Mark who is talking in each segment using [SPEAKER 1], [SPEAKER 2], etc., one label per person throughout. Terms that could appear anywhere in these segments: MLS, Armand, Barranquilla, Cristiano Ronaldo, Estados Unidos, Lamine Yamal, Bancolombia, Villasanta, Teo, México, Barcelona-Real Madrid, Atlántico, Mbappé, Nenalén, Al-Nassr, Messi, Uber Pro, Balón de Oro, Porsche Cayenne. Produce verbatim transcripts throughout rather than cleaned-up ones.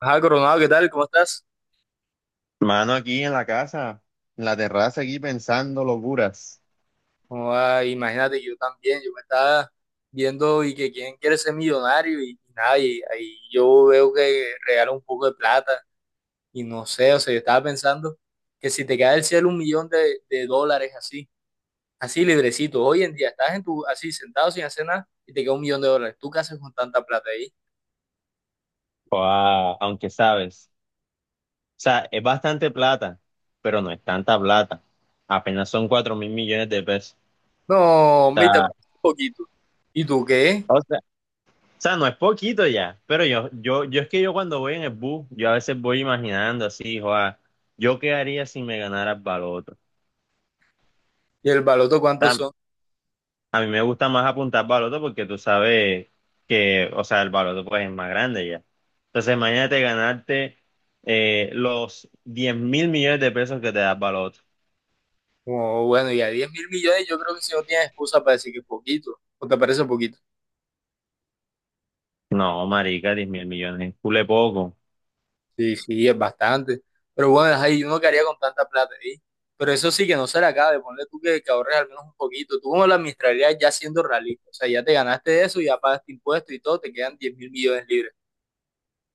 [SPEAKER 1] Ajá, Coronado, ¿qué tal? ¿Cómo estás?
[SPEAKER 2] Mano, aquí en la casa, en la terraza, aquí pensando locuras.
[SPEAKER 1] ¿Cómo va? Imagínate, yo también, yo me estaba viendo y que quién quiere ser millonario y, y nada, y ahí yo veo que regala un poco de plata y no sé, o sea, yo estaba pensando que si te cae del cielo un millón de, de dólares así, así librecito, hoy en día estás en tu, así sentado sin hacer nada y te queda un millón de dólares, ¿tú qué haces con tanta plata ahí?
[SPEAKER 2] Joa, aunque sabes, o sea, es bastante plata, pero no es tanta plata. Apenas son cuatro mil millones de pesos.
[SPEAKER 1] No,
[SPEAKER 2] O
[SPEAKER 1] hombre, y te
[SPEAKER 2] sea,
[SPEAKER 1] parece un poquito. ¿Y tú qué?
[SPEAKER 2] o sea, o sea, no es poquito ya, pero yo, yo, yo es que yo cuando voy en el bus, yo a veces voy imaginando así, joa, yo qué haría si me ganara el baloto.
[SPEAKER 1] ¿Y el baloto cuánto son?
[SPEAKER 2] A mí me gusta más apuntar baloto porque tú sabes que, o sea, el baloto pues es más grande ya. Entonces, imagínate ganarte eh, los diez mil millones de pesos que te da el baloto.
[SPEAKER 1] Como, bueno, y a diez mil millones yo creo que si no tienes excusa para decir que es poquito, o te parece poquito.
[SPEAKER 2] No, marica, diez mil millones es cule poco.
[SPEAKER 1] Sí, sí, es bastante. Pero bueno, ahí uno que haría con tanta plata ahí. Pero eso sí que no se le acaba de tú que, que ahorres al menos un poquito. Tú como la administrarías ya siendo realista. O sea, ya te ganaste eso, ya pagaste impuestos y todo, te quedan diez mil millones libres.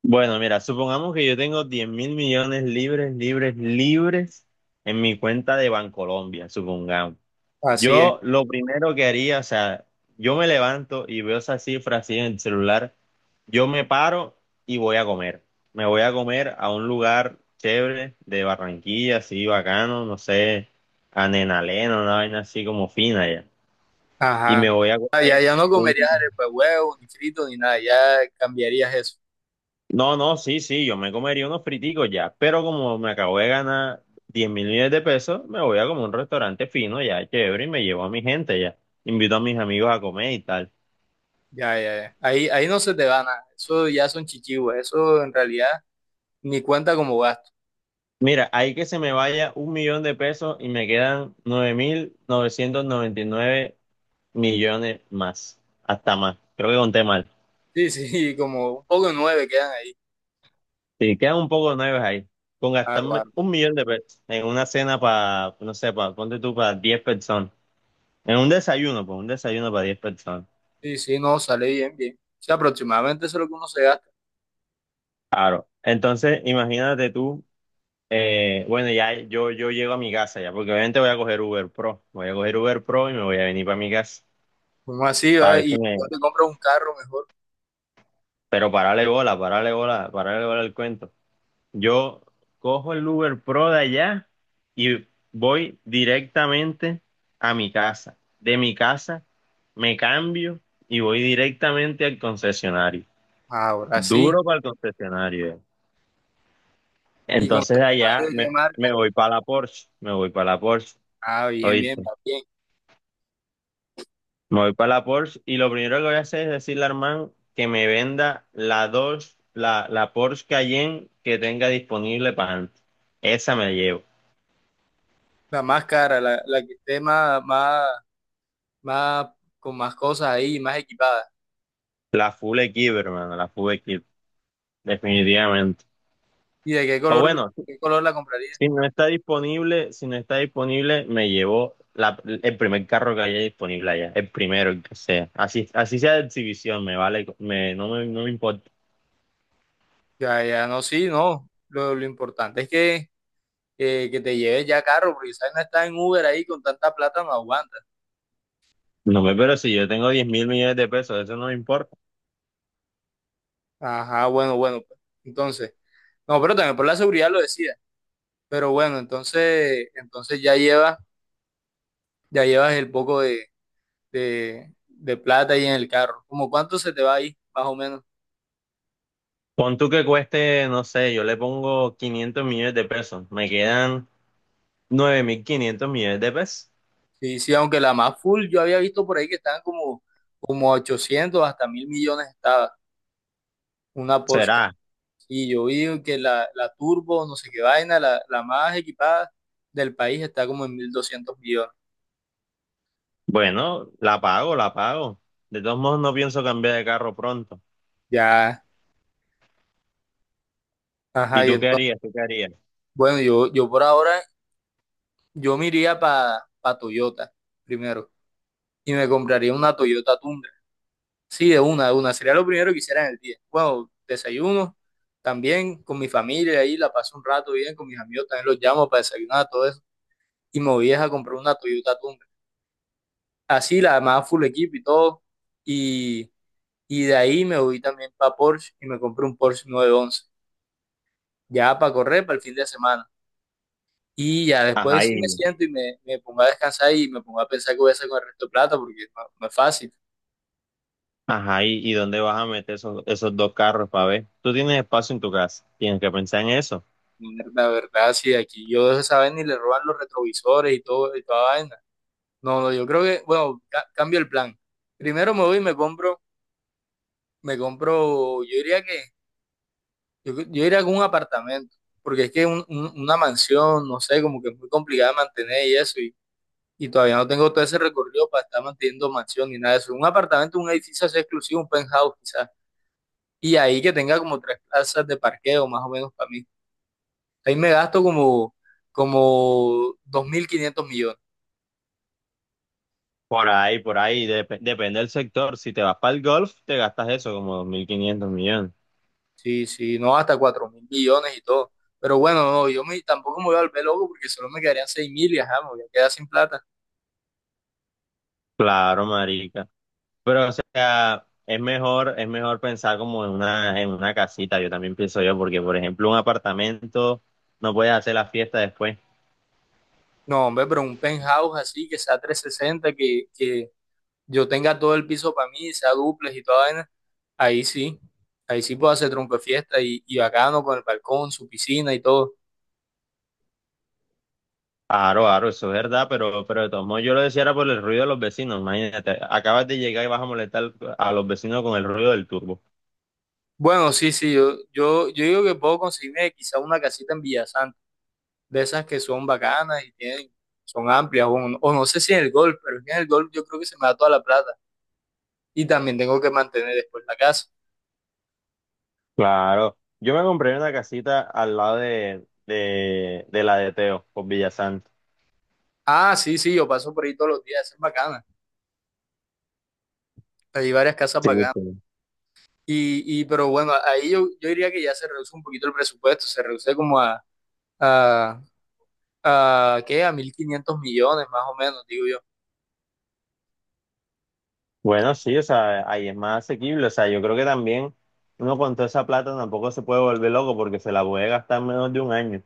[SPEAKER 2] Bueno, mira, supongamos que yo tengo diez mil millones libres, libres, libres en mi cuenta de Bancolombia, supongamos.
[SPEAKER 1] Así es.
[SPEAKER 2] Yo lo primero que haría, o sea, yo me levanto y veo esa cifra así en el celular, yo me paro y voy a comer. Me voy a comer a un lugar chévere de Barranquilla, así bacano, no sé, a Nenalén, una vaina así como fina ya. Y me
[SPEAKER 1] Ajá.
[SPEAKER 2] voy a
[SPEAKER 1] Ah, ya,
[SPEAKER 2] comer.
[SPEAKER 1] ya no comerías arepa de huevo, ni frito, ni nada. Ya cambiarías eso.
[SPEAKER 2] No, no, sí, sí, yo me comería unos friticos ya, pero como me acabo de ganar diez mil millones de pesos, me voy a como un restaurante fino ya, chévere, y me llevo a mi gente ya. Invito a mis amigos a comer y tal.
[SPEAKER 1] Ya, ya, ya. Ahí, ahí no se te va nada. Eso ya son chichivos. Eso en realidad ni cuenta como gasto.
[SPEAKER 2] Mira, ahí que se me vaya un millón de pesos y me quedan nueve mil novecientos noventa y nueve millones más, hasta más. Creo que conté mal.
[SPEAKER 1] Sí, sí, como un poco de nueve quedan ahí.
[SPEAKER 2] Sí, quedan un poco de nueve ahí. Con
[SPEAKER 1] Claro,
[SPEAKER 2] gastarme
[SPEAKER 1] claro.
[SPEAKER 2] un millón de pesos en una cena para, no sé, para, ponte tú para diez personas. En un desayuno, pues un desayuno para diez personas.
[SPEAKER 1] Sí, sí, no, sale bien, bien. O sea, aproximadamente eso es lo que uno se gasta.
[SPEAKER 2] Entonces, imagínate tú, eh, bueno, ya yo, yo llego a mi casa ya, porque obviamente voy a coger Uber Pro, voy a coger Uber Pro y me voy a venir para mi casa,
[SPEAKER 1] Uno así
[SPEAKER 2] para
[SPEAKER 1] va
[SPEAKER 2] ver
[SPEAKER 1] y
[SPEAKER 2] si me...
[SPEAKER 1] te compras un carro mejor.
[SPEAKER 2] Pero parale bola, parale bola, parale bola el cuento. Yo cojo el Uber Pro de allá y voy directamente a mi casa. De mi casa me cambio y voy directamente al concesionario.
[SPEAKER 1] Ahora sí.
[SPEAKER 2] Duro para el concesionario. eh.
[SPEAKER 1] ¿Y con
[SPEAKER 2] Entonces
[SPEAKER 1] de
[SPEAKER 2] de allá
[SPEAKER 1] qué
[SPEAKER 2] me,
[SPEAKER 1] marca?
[SPEAKER 2] me voy para la Porsche, me voy para la Porsche.
[SPEAKER 1] Ah, bien, bien,
[SPEAKER 2] Oíste,
[SPEAKER 1] va bien.
[SPEAKER 2] me voy para la Porsche y lo primero que voy a hacer es decirle a Armand que me venda la dos, la, la Porsche Cayenne que tenga disponible para antes. Esa me la llevo.
[SPEAKER 1] La más cara, la, la que esté más, más, más, con más cosas ahí, más equipada.
[SPEAKER 2] La Full Equip, hermano, la Full Equip, definitivamente.
[SPEAKER 1] ¿Y de qué
[SPEAKER 2] O
[SPEAKER 1] color,
[SPEAKER 2] bueno,
[SPEAKER 1] qué color la comprarías?
[SPEAKER 2] si no está disponible, si no está disponible, me llevo la, el primer carro que haya disponible allá, el primero, el que sea. Así, así sea de exhibición, me vale, me, no me, no me importa.
[SPEAKER 1] Ya, ya, no, sí, no. Lo, lo importante es que, eh, que te lleves ya carro, porque sabes, no estar en Uber ahí con tanta plata, no aguanta.
[SPEAKER 2] No me, pero si yo tengo diez mil millones de pesos, eso no me importa.
[SPEAKER 1] Ajá, bueno, bueno, pues. Entonces, no, pero también por la seguridad lo decía. Pero bueno, entonces, entonces ya llevas, ya llevas el poco de, de, de plata ahí en el carro. ¿Cómo cuánto se te va ahí, más o menos?
[SPEAKER 2] Pon tú que cueste, no sé, yo le pongo quinientos millones de pesos. Me quedan nueve mil quinientos millones de pesos.
[SPEAKER 1] Sí, sí, aunque la más full, yo había visto por ahí que estaban como, como ochocientos hasta mil millones estaba una Porsche.
[SPEAKER 2] ¿Será?
[SPEAKER 1] Y yo vi que la, la turbo, no sé qué vaina, la, la más equipada del país está como en mil doscientos millones.
[SPEAKER 2] Bueno, la pago, la pago. De todos modos, no pienso cambiar de carro pronto.
[SPEAKER 1] Ya, ajá,
[SPEAKER 2] ¿Y
[SPEAKER 1] y
[SPEAKER 2] tú qué
[SPEAKER 1] entonces,
[SPEAKER 2] harías? ¿Tú qué harías?
[SPEAKER 1] bueno, yo, yo por ahora. Yo me iría para pa Toyota primero y me compraría una Toyota Tundra. Sí, de una, de una. Sería lo primero que hiciera en el día. Bueno, desayuno también con mi familia ahí, la paso un rato bien con mis amigos, también los llamo para desayunar, todo eso. Y me voy a comprar una Toyota Tundra. Así, la demás full equipo y todo. Y, y de ahí me voy también para Porsche y me compré un Porsche nueve once. Ya para correr para el fin de semana. Y ya
[SPEAKER 2] Ajá,
[SPEAKER 1] después sí me
[SPEAKER 2] y,
[SPEAKER 1] siento y me, me pongo a descansar y me pongo a pensar qué voy a hacer con el resto de plata porque no, no es fácil.
[SPEAKER 2] ajá, y, ¿y dónde vas a meter esos, esos dos carros para ver? Tú tienes espacio en tu casa. Tienes que pensar en eso.
[SPEAKER 1] La verdad, sí, aquí yo de esa vez ni le roban los retrovisores y todo, y toda vaina. No, no, yo creo que, bueno, ca- cambio el plan. Primero me voy y me compro, me compro, yo diría que, yo, yo iría con un apartamento, porque es que un- un- una mansión, no sé, como que es muy complicada de mantener y eso, y, y todavía no tengo todo ese recorrido para estar manteniendo mansión ni nada de eso. Un apartamento, un edificio así exclusivo, un penthouse quizás, y ahí que tenga como tres plazas de parqueo más o menos para mí. Ahí me gasto como, como dos mil quinientos millones.
[SPEAKER 2] Por ahí, por ahí. Dep- depende del sector. Si te vas para el golf, te gastas eso como dos mil quinientos millones.
[SPEAKER 1] Sí, sí, no, hasta cuatro mil millones y todo. Pero bueno, no, yo me, tampoco me voy a volver loco porque solo me quedarían seis mil y ajá, me voy a quedar sin plata.
[SPEAKER 2] Claro, marica. Pero, o sea, es mejor, es mejor pensar como en una, en una casita, yo también pienso yo, porque, por ejemplo, un apartamento no puedes hacer la fiesta después.
[SPEAKER 1] No, hombre, pero un penthouse así que sea trescientos sesenta que, que yo tenga todo el piso para mí, sea duples y toda vaina, ahí sí, ahí sí puedo hacer tronco de fiesta y, y bacano con el balcón, su piscina y todo.
[SPEAKER 2] Aro, aro, eso es verdad, pero, pero de todos modos yo lo decía era por el ruido de los vecinos, imagínate, acabas de llegar y vas a molestar a los vecinos con el ruido del turbo.
[SPEAKER 1] Bueno, sí, sí, yo, yo, yo digo que puedo conseguirme quizá una casita en Villasanta, de esas que son bacanas y tienen, son amplias, o, o no sé si en el golf, pero es que en el golf yo creo que se me da toda la plata. Y también tengo que mantener después la casa.
[SPEAKER 2] Claro, yo me compré una casita al lado de, de, de la de Teo, por Villasanta.
[SPEAKER 1] Ah, sí, sí, yo paso por ahí todos los días, esa es bacana. Hay varias casas
[SPEAKER 2] Sí,
[SPEAKER 1] bacanas.
[SPEAKER 2] sí.
[SPEAKER 1] Y, y pero bueno, ahí yo, yo diría que ya se reduce un poquito el presupuesto, se reduce como a, a, a ¿qué? A mil quinientos millones más o menos, digo yo.
[SPEAKER 2] Bueno, sí, o sea, ahí es más asequible. O sea, yo creo que también uno con toda esa plata tampoco se puede volver loco porque se la puede gastar en menos de un año.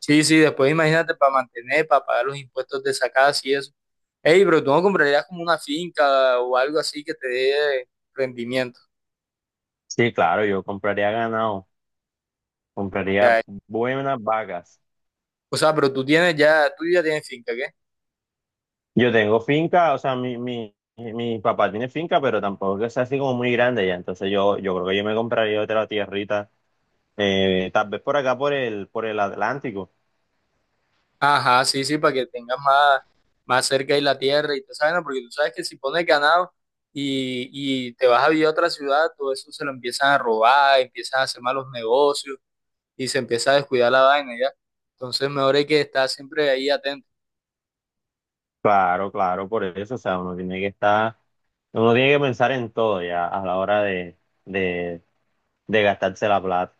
[SPEAKER 1] Sí, sí, después imagínate para mantener, para pagar los impuestos de esa casa y eso. Ey, pero tú no comprarías como una finca o algo así que te dé rendimiento.
[SPEAKER 2] Sí, claro, yo compraría ganado, compraría
[SPEAKER 1] Ya,
[SPEAKER 2] buenas vacas.
[SPEAKER 1] o sea, pero tú tienes ya, tú ya tienes finca, ¿qué?
[SPEAKER 2] Yo tengo finca, o sea, mi, mi, mi papá tiene finca, pero tampoco es que sea así como muy grande ya. Entonces yo, yo creo que yo me compraría otra tierrita, eh, tal vez por acá por el, por el Atlántico.
[SPEAKER 1] Ajá, sí, sí, para que tengas más, más cerca ahí la tierra y te saben, porque tú sabes que si pones ganado y, y te vas a vivir a otra ciudad, todo eso se lo empiezan a robar, empiezan a hacer malos negocios y se empieza a descuidar la vaina ya. Entonces, mejor hay que estar siempre ahí atento.
[SPEAKER 2] Claro, claro, por eso. O sea, uno tiene que estar, uno tiene que pensar en todo ya a la hora de de- de gastarse la plata.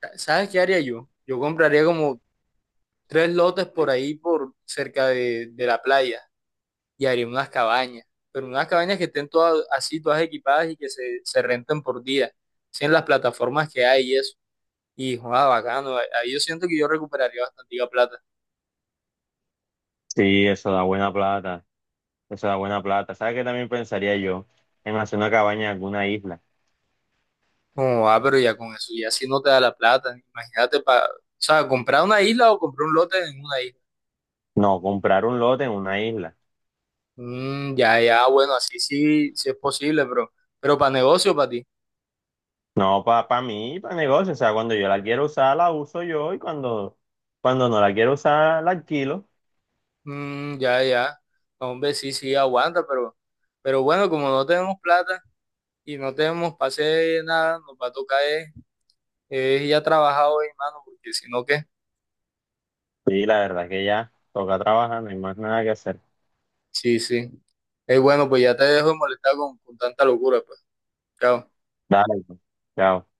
[SPEAKER 1] Sa- ¿Sabes qué haría yo? Yo compraría como tres lotes por ahí, por cerca de, de la playa y haría unas cabañas, pero unas cabañas que estén todas así, todas equipadas y que se, se renten por día, sin las plataformas que hay y eso. Y joda, bacano. Ahí yo siento que yo recuperaría bastante plata.
[SPEAKER 2] Sí, eso da buena plata, eso da buena plata. ¿Sabes qué también pensaría yo? En hacer una cabaña en alguna isla.
[SPEAKER 1] Como, ah, pero ya con eso, ya si no te da la plata, imagínate para, o sea, comprar una isla o comprar un lote en una isla.
[SPEAKER 2] No, comprar un lote en una isla.
[SPEAKER 1] Mm, ya, ya, bueno, así sí, sí es posible, pero, pero para negocio, para ti.
[SPEAKER 2] No, para pa pa mí, para negocio. O sea, cuando yo la quiero usar, la uso yo y cuando, cuando no la quiero usar, la alquilo.
[SPEAKER 1] Mm, ya, ya. No, hombre, sí, sí, aguanta, pero, pero bueno, como no tenemos plata y no tenemos pase nada, nos va a tocar es, es ya trabajar hoy, mano, porque si no, ¿qué?
[SPEAKER 2] Sí, la verdad es que ya toca trabajar, no hay más nada que hacer.
[SPEAKER 1] Sí, sí. Es bueno, pues ya te dejo de molestar con, con tanta locura, pues. Chao.
[SPEAKER 2] Dale, pues. Chao.